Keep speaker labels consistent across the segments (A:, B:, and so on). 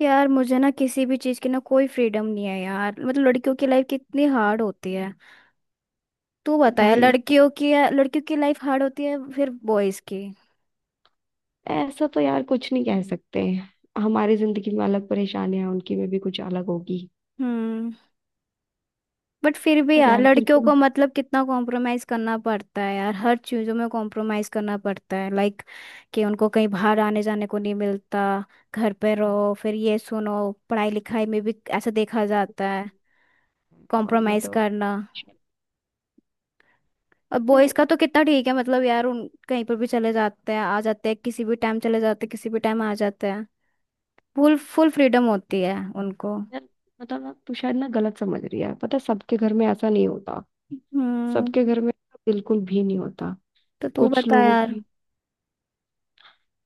A: यार मुझे ना किसी भी चीज की ना कोई फ्रीडम नहीं है यार। मतलब लड़कियों की लाइफ कितनी हार्ड होती है। तू बताया
B: भाई,
A: लड़कियों की लाइफ हार्ड होती है फिर बॉयज की।
B: ऐसा तो यार कुछ नहीं कह सकते। हमारी जिंदगी में अलग परेशानियां हैं, उनकी में भी कुछ अलग होगी।
A: हम्म। बट फिर भी
B: पर
A: यार
B: यार तेरे
A: लड़कियों
B: को
A: को मतलब कितना कॉम्प्रोमाइज करना पड़ता है यार, हर चीजों में कॉम्प्रोमाइज करना पड़ता है। लाइक कि उनको कहीं बाहर आने जाने को नहीं मिलता, घर पे रहो, फिर ये सुनो, पढ़ाई लिखाई में भी ऐसा देखा जाता है
B: और ये
A: कॉम्प्रोमाइज
B: तो
A: करना। और
B: पता
A: बॉयज
B: है।
A: का तो कितना ठीक है, मतलब यार उन कहीं पर भी चले जाते हैं आ जाते हैं, किसी भी टाइम चले जाते हैं किसी भी टाइम आ जाते हैं। फुल फुल फ्रीडम होती है उनको।
B: यार मतलब ना तू शायद ना गलत समझ रही है। पता है, सबके घर में ऐसा नहीं होता।
A: हम्म।
B: सबके घर में बिल्कुल भी नहीं होता।
A: तो तू
B: कुछ
A: बता
B: लोगों
A: यार।
B: की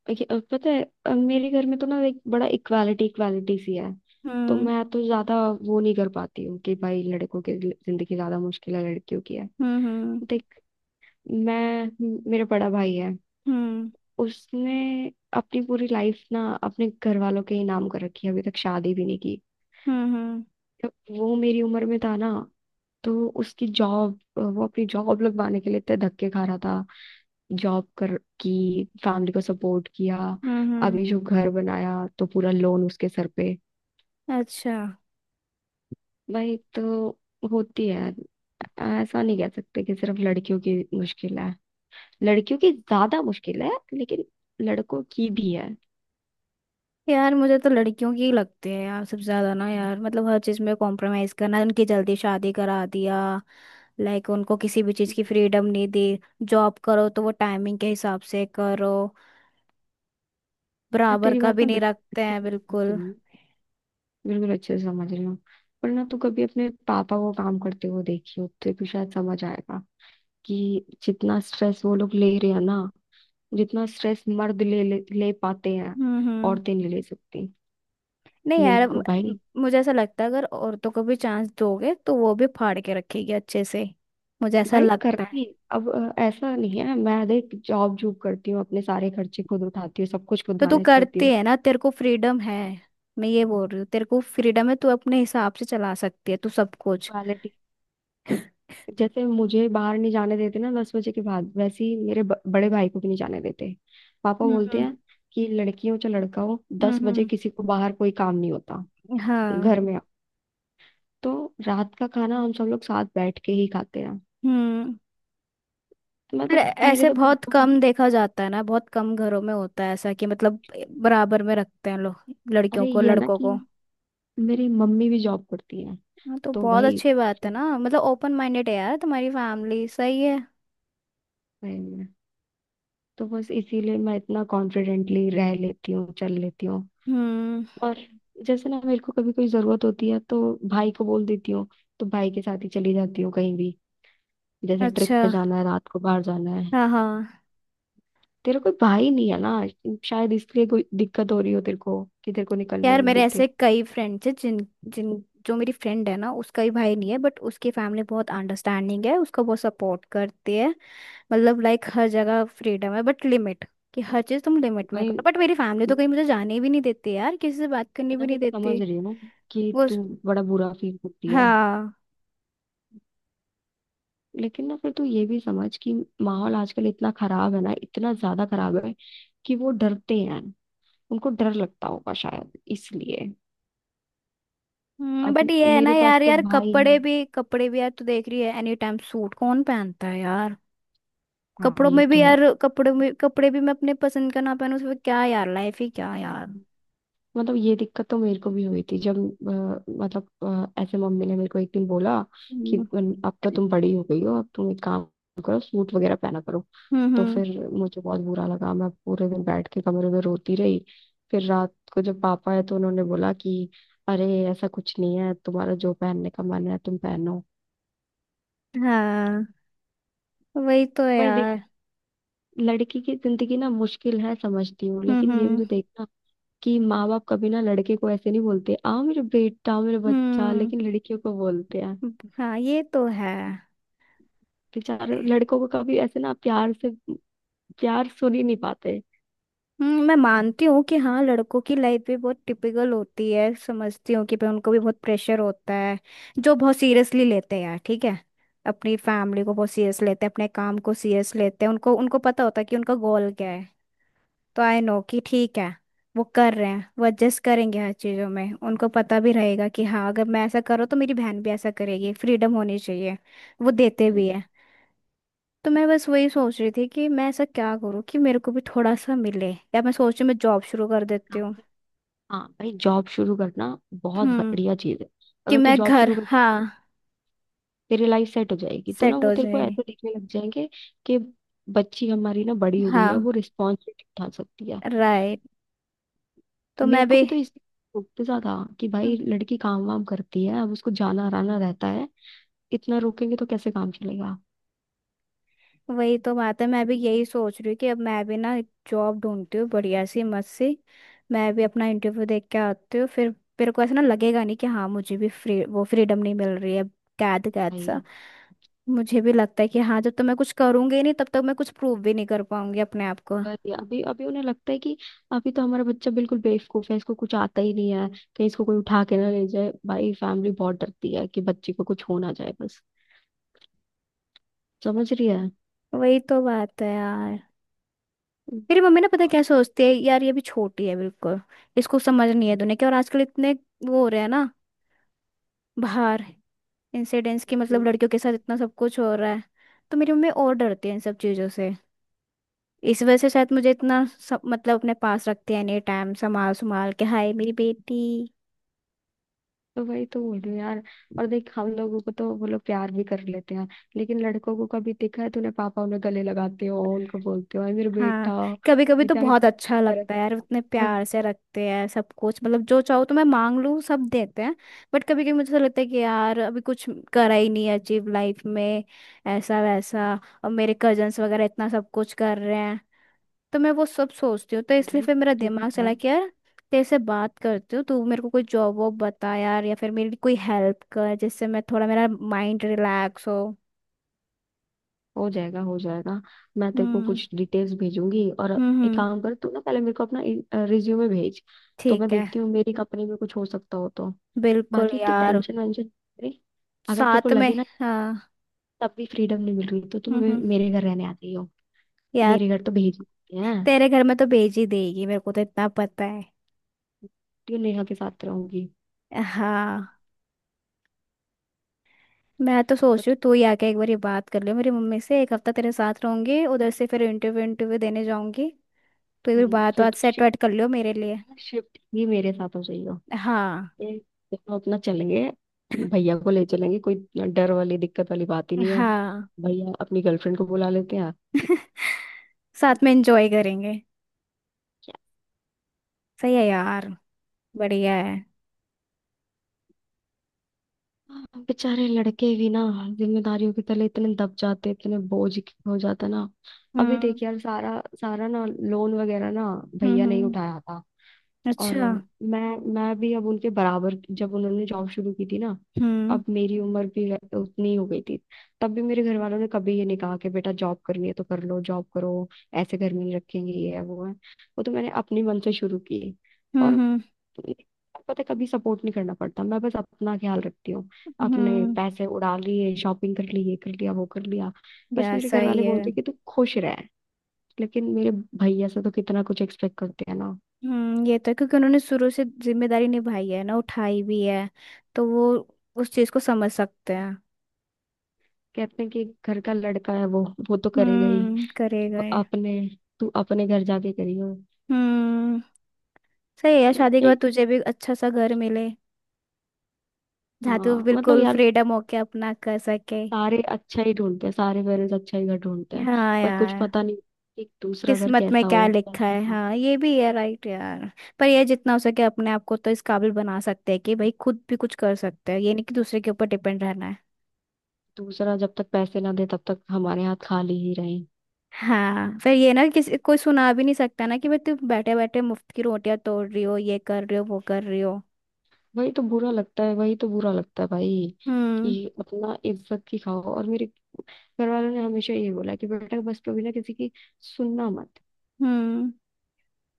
B: देखिए, पता है, मेरे घर में तो ना एक बड़ा इक्वालिटी इक्वालिटी सी है। तो
A: हम्म।
B: मैं तो ज्यादा वो नहीं कर पाती हूँ कि भाई लड़कों की जिंदगी ज्यादा मुश्किल है लड़कियों की है।
A: हम्म। हम्म।
B: मैं, मेरा बड़ा भाई है। उसने अपनी पूरी लाइफ ना अपने घर वालों के ही नाम कर रखी है, अभी तक शादी भी नहीं की।
A: हम्म।
B: जब वो मेरी उम्र में था ना, तो उसकी जॉब वो अपनी जॉब लगवाने के लिए इतने धक्के खा रहा था। जॉब कर की फैमिली को सपोर्ट किया।
A: हम्म हम्म,
B: अभी जो घर बनाया तो पूरा लोन उसके सर पे।
A: अच्छा।
B: भाई तो होती है, ऐसा नहीं कह सकते कि सिर्फ लड़कियों की मुश्किल है। लड़कियों की ज्यादा मुश्किल है लेकिन लड़कों की भी
A: यार मुझे तो लड़कियों की ही लगती है यार सबसे ज्यादा, ना यार मतलब हर चीज में कॉम्प्रोमाइज करना, उनकी जल्दी शादी करा दिया। लाइक उनको किसी भी चीज
B: है।
A: की फ्रीडम नहीं दी, जॉब करो तो वो टाइमिंग के हिसाब से करो,
B: मैं
A: बराबर
B: तेरी
A: का
B: बात
A: भी
B: ना
A: नहीं
B: बिल्कुल
A: रखते
B: अच्छे
A: हैं
B: से समझ
A: बिल्कुल।
B: रही हूँ, बिल्कुल अच्छे से समझ रही हूँ। पर ना तू कभी अपने पापा को काम करते हुए देखी हो तो तू शायद समझ आएगा कि जितना स्ट्रेस वो लोग ले रहे हैं ना, जितना स्ट्रेस मर्द ले ले, ले पाते हैं,
A: हम्म।
B: औरतें नहीं ले सकती।
A: नहीं
B: मेरे
A: यार म-
B: को
A: म-
B: भाई
A: मुझे ऐसा लगता है अगर औरतों को भी चांस दोगे तो वो भी फाड़ के रखेगी अच्छे से, मुझे ऐसा
B: भाई
A: लगता है।
B: करती है। अब ऐसा नहीं है, मैं देख जॉब जॉब करती हूँ, अपने सारे खर्चे खुद उठाती हूँ, सब कुछ खुद
A: तो तू
B: मैनेज करती
A: करती है ना, तेरे को फ्रीडम है, मैं ये बोल रही हूँ तेरे को फ्रीडम है, तू अपने हिसाब से चला सकती है तू सब कुछ।
B: हूँ। जैसे मुझे बाहर नहीं जाने देते ना 10 बजे के बाद, वैसे ही मेरे बड़े भाई को भी नहीं जाने देते। पापा
A: हम्म।
B: बोलते
A: हम्म,
B: हैं कि लड़की हो चाहे लड़का हो, 10 बजे
A: हम्म
B: किसी को बाहर कोई काम नहीं होता, घर
A: हाँ।
B: में आओ। तो रात का खाना हम सब लोग साथ बैठ के ही खाते हैं।
A: हम्म। पर
B: मतलब मेरे
A: ऐसे
B: तो
A: बहुत
B: पापा का-
A: कम देखा जाता है ना, बहुत कम घरों में होता है ऐसा कि मतलब बराबर में रखते हैं लोग लड़कियों
B: अरे
A: को
B: ये है ना
A: लड़कों
B: कि
A: को।
B: मेरी मम्मी भी जॉब करती है।
A: हाँ तो
B: तो
A: बहुत
B: भाई
A: अच्छी बात है
B: फिर-
A: ना, मतलब ओपन माइंडेड है यार तुम्हारी फैमिली, सही है।
B: भाई मैं- तो बस इसीलिए मैं इतना कॉन्फिडेंटली रह लेती हूँ, चल लेती हूँ।
A: हम्म
B: और जैसे ना मेरे को कभी कोई जरूरत होती है तो भाई को बोल देती हूँ, तो भाई के साथ ही चली जाती हूँ कहीं भी। जैसे
A: अच्छा।
B: ट्रिप पे जाना है, रात को बाहर जाना है।
A: हाँ हाँ।
B: तेरा कोई भाई नहीं है ना, शायद इसलिए कोई दिक्कत हो रही हो तेरे को कि तेरे को निकलने
A: यार
B: नहीं
A: मेरे ऐसे
B: देते।
A: कई फ्रेंड्स हैं जिन जिन जो मेरी फ्रेंड है ना, उसका ही भाई नहीं है बट उसकी फैमिली बहुत अंडरस्टैंडिंग है, उसको बहुत सपोर्ट करती है। मतलब लाइक हर जगह फ्रीडम है बट लिमिट, कि हर चीज़ तुम लिमिट में
B: भाई
A: करो। बट मेरी फैमिली तो कहीं मुझे जाने भी नहीं देती यार, किसी से बात करने
B: मैं ना
A: भी नहीं
B: देख
A: देती।
B: समझ रही हूँ कि
A: वो
B: तू बड़ा बुरा फील करती है,
A: हाँ।
B: लेकिन ना फिर तू ये भी समझ कि माहौल आजकल इतना खराब है ना, इतना ज्यादा खराब है कि वो डरते हैं। उनको डर लगता होगा शायद इसलिए। अब
A: बट ये है ना
B: मेरे पास
A: यार,
B: तो
A: यार
B: भाई है।
A: कपड़े भी यार तू देख रही है, एनी टाइम सूट कौन पहनता है यार।
B: हाँ,
A: कपड़ों
B: ये
A: में
B: तो
A: भी
B: है।
A: यार, कपड़ों में कपड़े भी मैं अपने पसंद का ना पहनूं, उसमें क्या यार, लाइफ ही क्या यार।
B: मतलब ये दिक्कत तो मेरे को भी हुई थी जब मतलब ऐसे मम्मी ने मेरे को एक दिन बोला कि
A: हम्म।
B: "बन- अब तो तुम बड़ी हो गई हो, अब तुम एक काम करो, सूट वगैरह पहना करो।"
A: हम्म,
B: तो फिर मुझे बहुत बुरा लगा, मैं पूरे दिन बैठ के कमरे में रोती रही। फिर रात को जब पापा आए तो उन्होंने बोला कि अरे ऐसा कुछ नहीं है, तुम्हारा जो पहनने का मन है तुम पहनो।
A: हाँ। वही तो
B: भाई देख,
A: यार।
B: लड़की की जिंदगी ना मुश्किल है, समझती हूँ,
A: हम्म
B: लेकिन ये भी
A: हम्म
B: तो देखना कि माँ बाप कभी ना लड़के को ऐसे नहीं बोलते, आओ मेरे बेटा, आओ मेरे बच्चा,
A: हम्म।
B: लेकिन लड़कियों को बोलते हैं।
A: हाँ ये तो है।
B: बेचारे लड़कों को कभी ऐसे ना प्यार से प्यार सुन ही नहीं पाते।
A: मैं मानती हूँ कि हाँ लड़कों की लाइफ भी बहुत टिपिकल होती है, समझती हूँ कि पे उनको भी बहुत प्रेशर होता है, जो बहुत सीरियसली लेते हैं यार, ठीक है। अपनी फैमिली को बहुत सीरियस लेते हैं, अपने काम को सीरियस लेते हैं, उनको उनको पता होता है कि उनका गोल क्या है। तो आई नो कि ठीक है, वो कर रहे हैं, वो एडजस्ट करेंगे हर चीज़ों में, उनको पता भी रहेगा कि हाँ अगर मैं ऐसा करूँ तो मेरी बहन भी ऐसा करेगी, फ्रीडम होनी चाहिए, वो देते भी
B: हम्म,
A: है। तो मैं बस वही सोच रही थी कि मैं ऐसा क्या करूँ कि मेरे को भी थोड़ा सा मिले, या मैं सोच रही हूँ मैं जॉब शुरू कर
B: एक
A: देती
B: काम
A: हूँ।
B: कर। हाँ भाई, जॉब शुरू करना बहुत
A: हम्म।
B: बढ़िया चीज है।
A: कि
B: अगर तू
A: मैं
B: जॉब
A: घर,
B: शुरू कर,
A: हाँ।
B: तेरी लाइफ सेट हो जाएगी तो ना
A: सेट
B: वो
A: हो
B: तेरे को
A: जाएगी।
B: ऐसे देखने लग जाएंगे कि बच्ची हमारी ना बड़ी हो गई है, वो
A: हाँ,
B: रिस्पॉन्सिबिलिटी उठा सकती है।
A: राइट। तो मैं
B: मेरे को
A: भी,
B: भी तो इसलिए रोकते ज्यादा कि भाई लड़की काम वाम करती है, अब उसको जाना आना रहता है, इतना रोकेंगे तो कैसे काम चलेगा।
A: वही तो बात है, मैं भी यही सोच रही हूँ कि अब मैं भी ना जॉब ढूंढती हूँ बढ़िया सी मस्त सी, मैं भी अपना इंटरव्यू देख के आती हूँ फिर। मेरे को ऐसा ना लगेगा नहीं कि हाँ मुझे भी फ्री, वो फ्रीडम नहीं मिल रही है, कैद कैद सा।
B: भाई
A: मुझे भी लगता है कि हाँ, जब तक मैं कुछ करूंगी नहीं तब तक मैं कुछ प्रूव भी नहीं कर पाऊंगी अपने आप को।
B: पर ये अभी अभी उन्हें लगता है कि अभी तो हमारा बच्चा बिल्कुल बेवकूफ है, इसको कुछ आता ही नहीं है, कहीं इसको कोई उठा के ना ले जाए। भाई फैमिली बहुत डरती है कि बच्चे को कुछ हो ना जाए बस। समझ रही है।
A: वही तो बात है यार। मेरी मम्मी ना, पता है क्या सोचती है यार, ये भी छोटी है बिल्कुल, इसको समझ नहीं है दुनिया की, और आजकल इतने वो हो रहे हैं ना बाहर इंसिडेंट्स की, मतलब
B: हम्म,
A: लड़कियों के साथ इतना सब कुछ हो रहा है, तो मेरी मम्मी और डरती है इन सब चीज़ों से। इस वजह से शायद मुझे इतना सब मतलब अपने पास रखते हैं एनी टाइम, संभाल संभाल के हाय मेरी बेटी।
B: तो वही तो बोल रही हूँ यार। और देख, हम लोगों को तो वो लोग प्यार भी कर लेते हैं, लेकिन लड़कों को कभी देखा है तूने पापा उन्हें गले लगाते हो, उनको बोलते हो "अरे मेरा
A: हाँ,
B: बेटा"।
A: कभी कभी तो
B: बेचारे
A: बहुत
B: पापा
A: अच्छा
B: तरफ
A: लगता
B: से
A: है यार, उतने
B: आते हैं।
A: प्यार से रखते हैं सब कुछ, मतलब जो चाहो तो मैं मांग लूँ सब देते हैं। बट कभी कभी मुझे ऐसा लगता है कि यार अभी कुछ करा ही नहीं अचीव लाइफ में ऐसा वैसा, और मेरे कजन्स वगैरह इतना सब कुछ कर रहे हैं, तो मैं वो सब सोचती हूँ तो इसलिए
B: मैंने,
A: फिर मेरा
B: तू भी
A: दिमाग
B: कर,
A: चला कि यार तेरे से बात करती हूँ, तू मेरे को कोई जॉब वॉब बता यार, या फिर मेरी कोई हेल्प कर जिससे मैं थोड़ा मेरा माइंड रिलैक्स हो।
B: हो जाएगा, हो जाएगा। मैं तेरे को
A: हम्म।
B: कुछ डिटेल्स भेजूंगी। और
A: हम्म,
B: एक काम कर, तू ना पहले मेरे को अपना रिज्यूमे भेज, तो मैं
A: ठीक है।
B: देखती हूँ मेरी कंपनी में कुछ हो सकता हो तो।
A: बिल्कुल
B: बाकी इतनी
A: यार।
B: टेंशन वेंशन नहीं। अगर तेरे को
A: साथ में,
B: लगे ना
A: हाँ।
B: तब भी फ्रीडम नहीं मिल रही तो तू
A: हम्म।
B: मेरे घर रहने आती हो,
A: यार
B: मेरे घर तो भेज ही देते हैं।
A: तेरे घर में तो भेज ही देगी मेरे को तो इतना पता है।
B: तू नेहा के साथ रहूंगी।
A: हाँ, मैं तो सोच
B: तो
A: रही हूँ
B: ठीक-
A: तू ही आके एक बार ये बात कर ले मेरी मम्मी से, एक हफ्ता तेरे साथ रहूंगी, उधर से फिर इंटरव्यू इंटरव्यू देने जाऊंगी। तो ये बात
B: फिर
A: बात सेट
B: शिफ्ट
A: वेट कर लियो मेरे लिए।
B: शिफ्ट भी मेरे साथ हो जाइयो।
A: हाँ।
B: ये दोनों अपना चलेंगे, भैया को ले चलेंगे, कोई डर वाली दिक्कत वाली बात ही नहीं है।
A: हाँ,
B: भैया अपनी गर्लफ्रेंड को बुला लेते हैं।
A: साथ में एंजॉय करेंगे। सही है यार, बढ़िया है।
B: हाँ, बेचारे लड़के भी ना जिम्मेदारियों के तले इतने दब जाते, इतने बोझ के हो जाता ना। अभी
A: हम्म।
B: देख यार, सारा सारा ना लोन वगैरह ना
A: हम्म,
B: भैया ने ही उठाया था। और
A: अच्छा।
B: मैं मैं भी अब उनके बराबर, जब उन्होंने जॉब शुरू की थी ना,
A: हम्म
B: अब मेरी उम्र भी उतनी ही हो गई थी। तब भी मेरे घर वालों ने कभी ये नहीं कहा कि बेटा जॉब करनी है तो कर लो, जॉब करो, ऐसे घर में नहीं रखेंगे, ये है वो है। वो तो मैंने अपनी मन से शुरू की। और
A: हम्म।
B: पता है, कभी सपोर्ट नहीं करना पड़ता, मैं बस अपना ख्याल रखती हूँ, अपने
A: हम्म,
B: पैसे उड़ा लिए, शॉपिंग कर ली, ये कर लिया, वो कर लिया। बस
A: यार
B: मेरे घर
A: सही
B: वाले
A: है।
B: बोलते हैं कि तू खुश रह। लेकिन मेरे भैया से तो कितना कुछ एक्सपेक्ट करते हैं ना।
A: हम्म, ये तो है, क्योंकि उन्होंने शुरू से जिम्मेदारी निभाई है ना, उठाई भी है, तो वो उस चीज को समझ सकते हैं।
B: कहते हैं कि घर का लड़का है, वो तो करेगा ही।
A: हम्म, करे
B: तू
A: गए।
B: अपने, तू अपने घर जाके करियो।
A: हम्म, सही है यार, शादी के बाद
B: यही
A: तुझे भी अच्छा सा घर मिले, जहाँ तू
B: हाँ, मतलब
A: बिल्कुल
B: यार
A: फ्रीडम होके अपना कर सके।
B: सारे अच्छा ही ढूंढते हैं, सारे पेरेंट्स अच्छा ही घर ढूंढते हैं,
A: हाँ
B: पर कुछ
A: यार,
B: पता नहीं कि दूसरा घर
A: किस्मत में
B: कैसा
A: क्या
B: हो।
A: लिखा है, हाँ ये भी है, राइट यार। पर ये जितना हो सके अपने आप को तो इस काबिल बना सकते हैं कि भाई खुद भी कुछ कर सकते हैं, ये नहीं कि दूसरे के ऊपर डिपेंड रहना है।
B: दूसरा जब तक पैसे ना दे तब तक हमारे हाथ खाली ही रहे।
A: हाँ फिर ये ना किसी कोई सुना भी नहीं सकता ना कि भाई तुम बैठे बैठे मुफ्त की रोटियां तोड़ रही हो, ये कर रही हो, वो कर रही हो।
B: वही तो बुरा लगता है, वही तो बुरा लगता है भाई, कि
A: हम्म।
B: अपना इज्जत की खाओ। और मेरे घर वालों ने हमेशा ये बोला कि बेटा बस कभी ना किसी की सुनना मत।
A: हम्म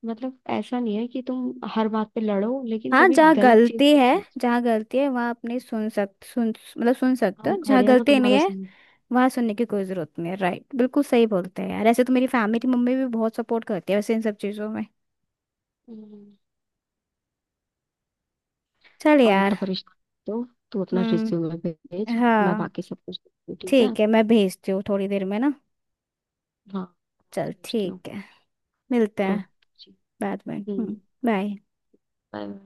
B: मतलब ऐसा नहीं है कि तुम हर बात पे लड़ो, लेकिन
A: हाँ
B: कभी
A: जहाँ
B: गलत चीज
A: गलती है,
B: पे मत।
A: जहाँ गलती है वहाँ अपनी सुन, मतलब सुन सकते
B: हम
A: हो, जहाँ
B: खड़े हैं ना
A: गलती नहीं
B: तुम्हारे
A: है
B: साथ।
A: वहाँ सुनने की कोई जरूरत नहीं है। राइट, बिल्कुल सही बोलते हैं यार, ऐसे तो मेरी फैमिली मेरी मम्मी भी बहुत सपोर्ट करती है वैसे इन सब चीज़ों में।
B: हम्म।
A: चल
B: और इतना
A: यार।
B: परेशान तो, तू अपना रिज्यूमे
A: हम्म,
B: भेज, मैं
A: हाँ।
B: बाकी सब कुछ देखती हूँ, ठीक है।
A: ठीक है, मैं भेजती हूँ थोड़ी देर में ना।
B: हाँ,
A: चल
B: भेजती हूँ।
A: ठीक है, मिलते हैं
B: ओके जी।
A: बाद में। हम्म।
B: हम्म,
A: बाय।
B: बाय।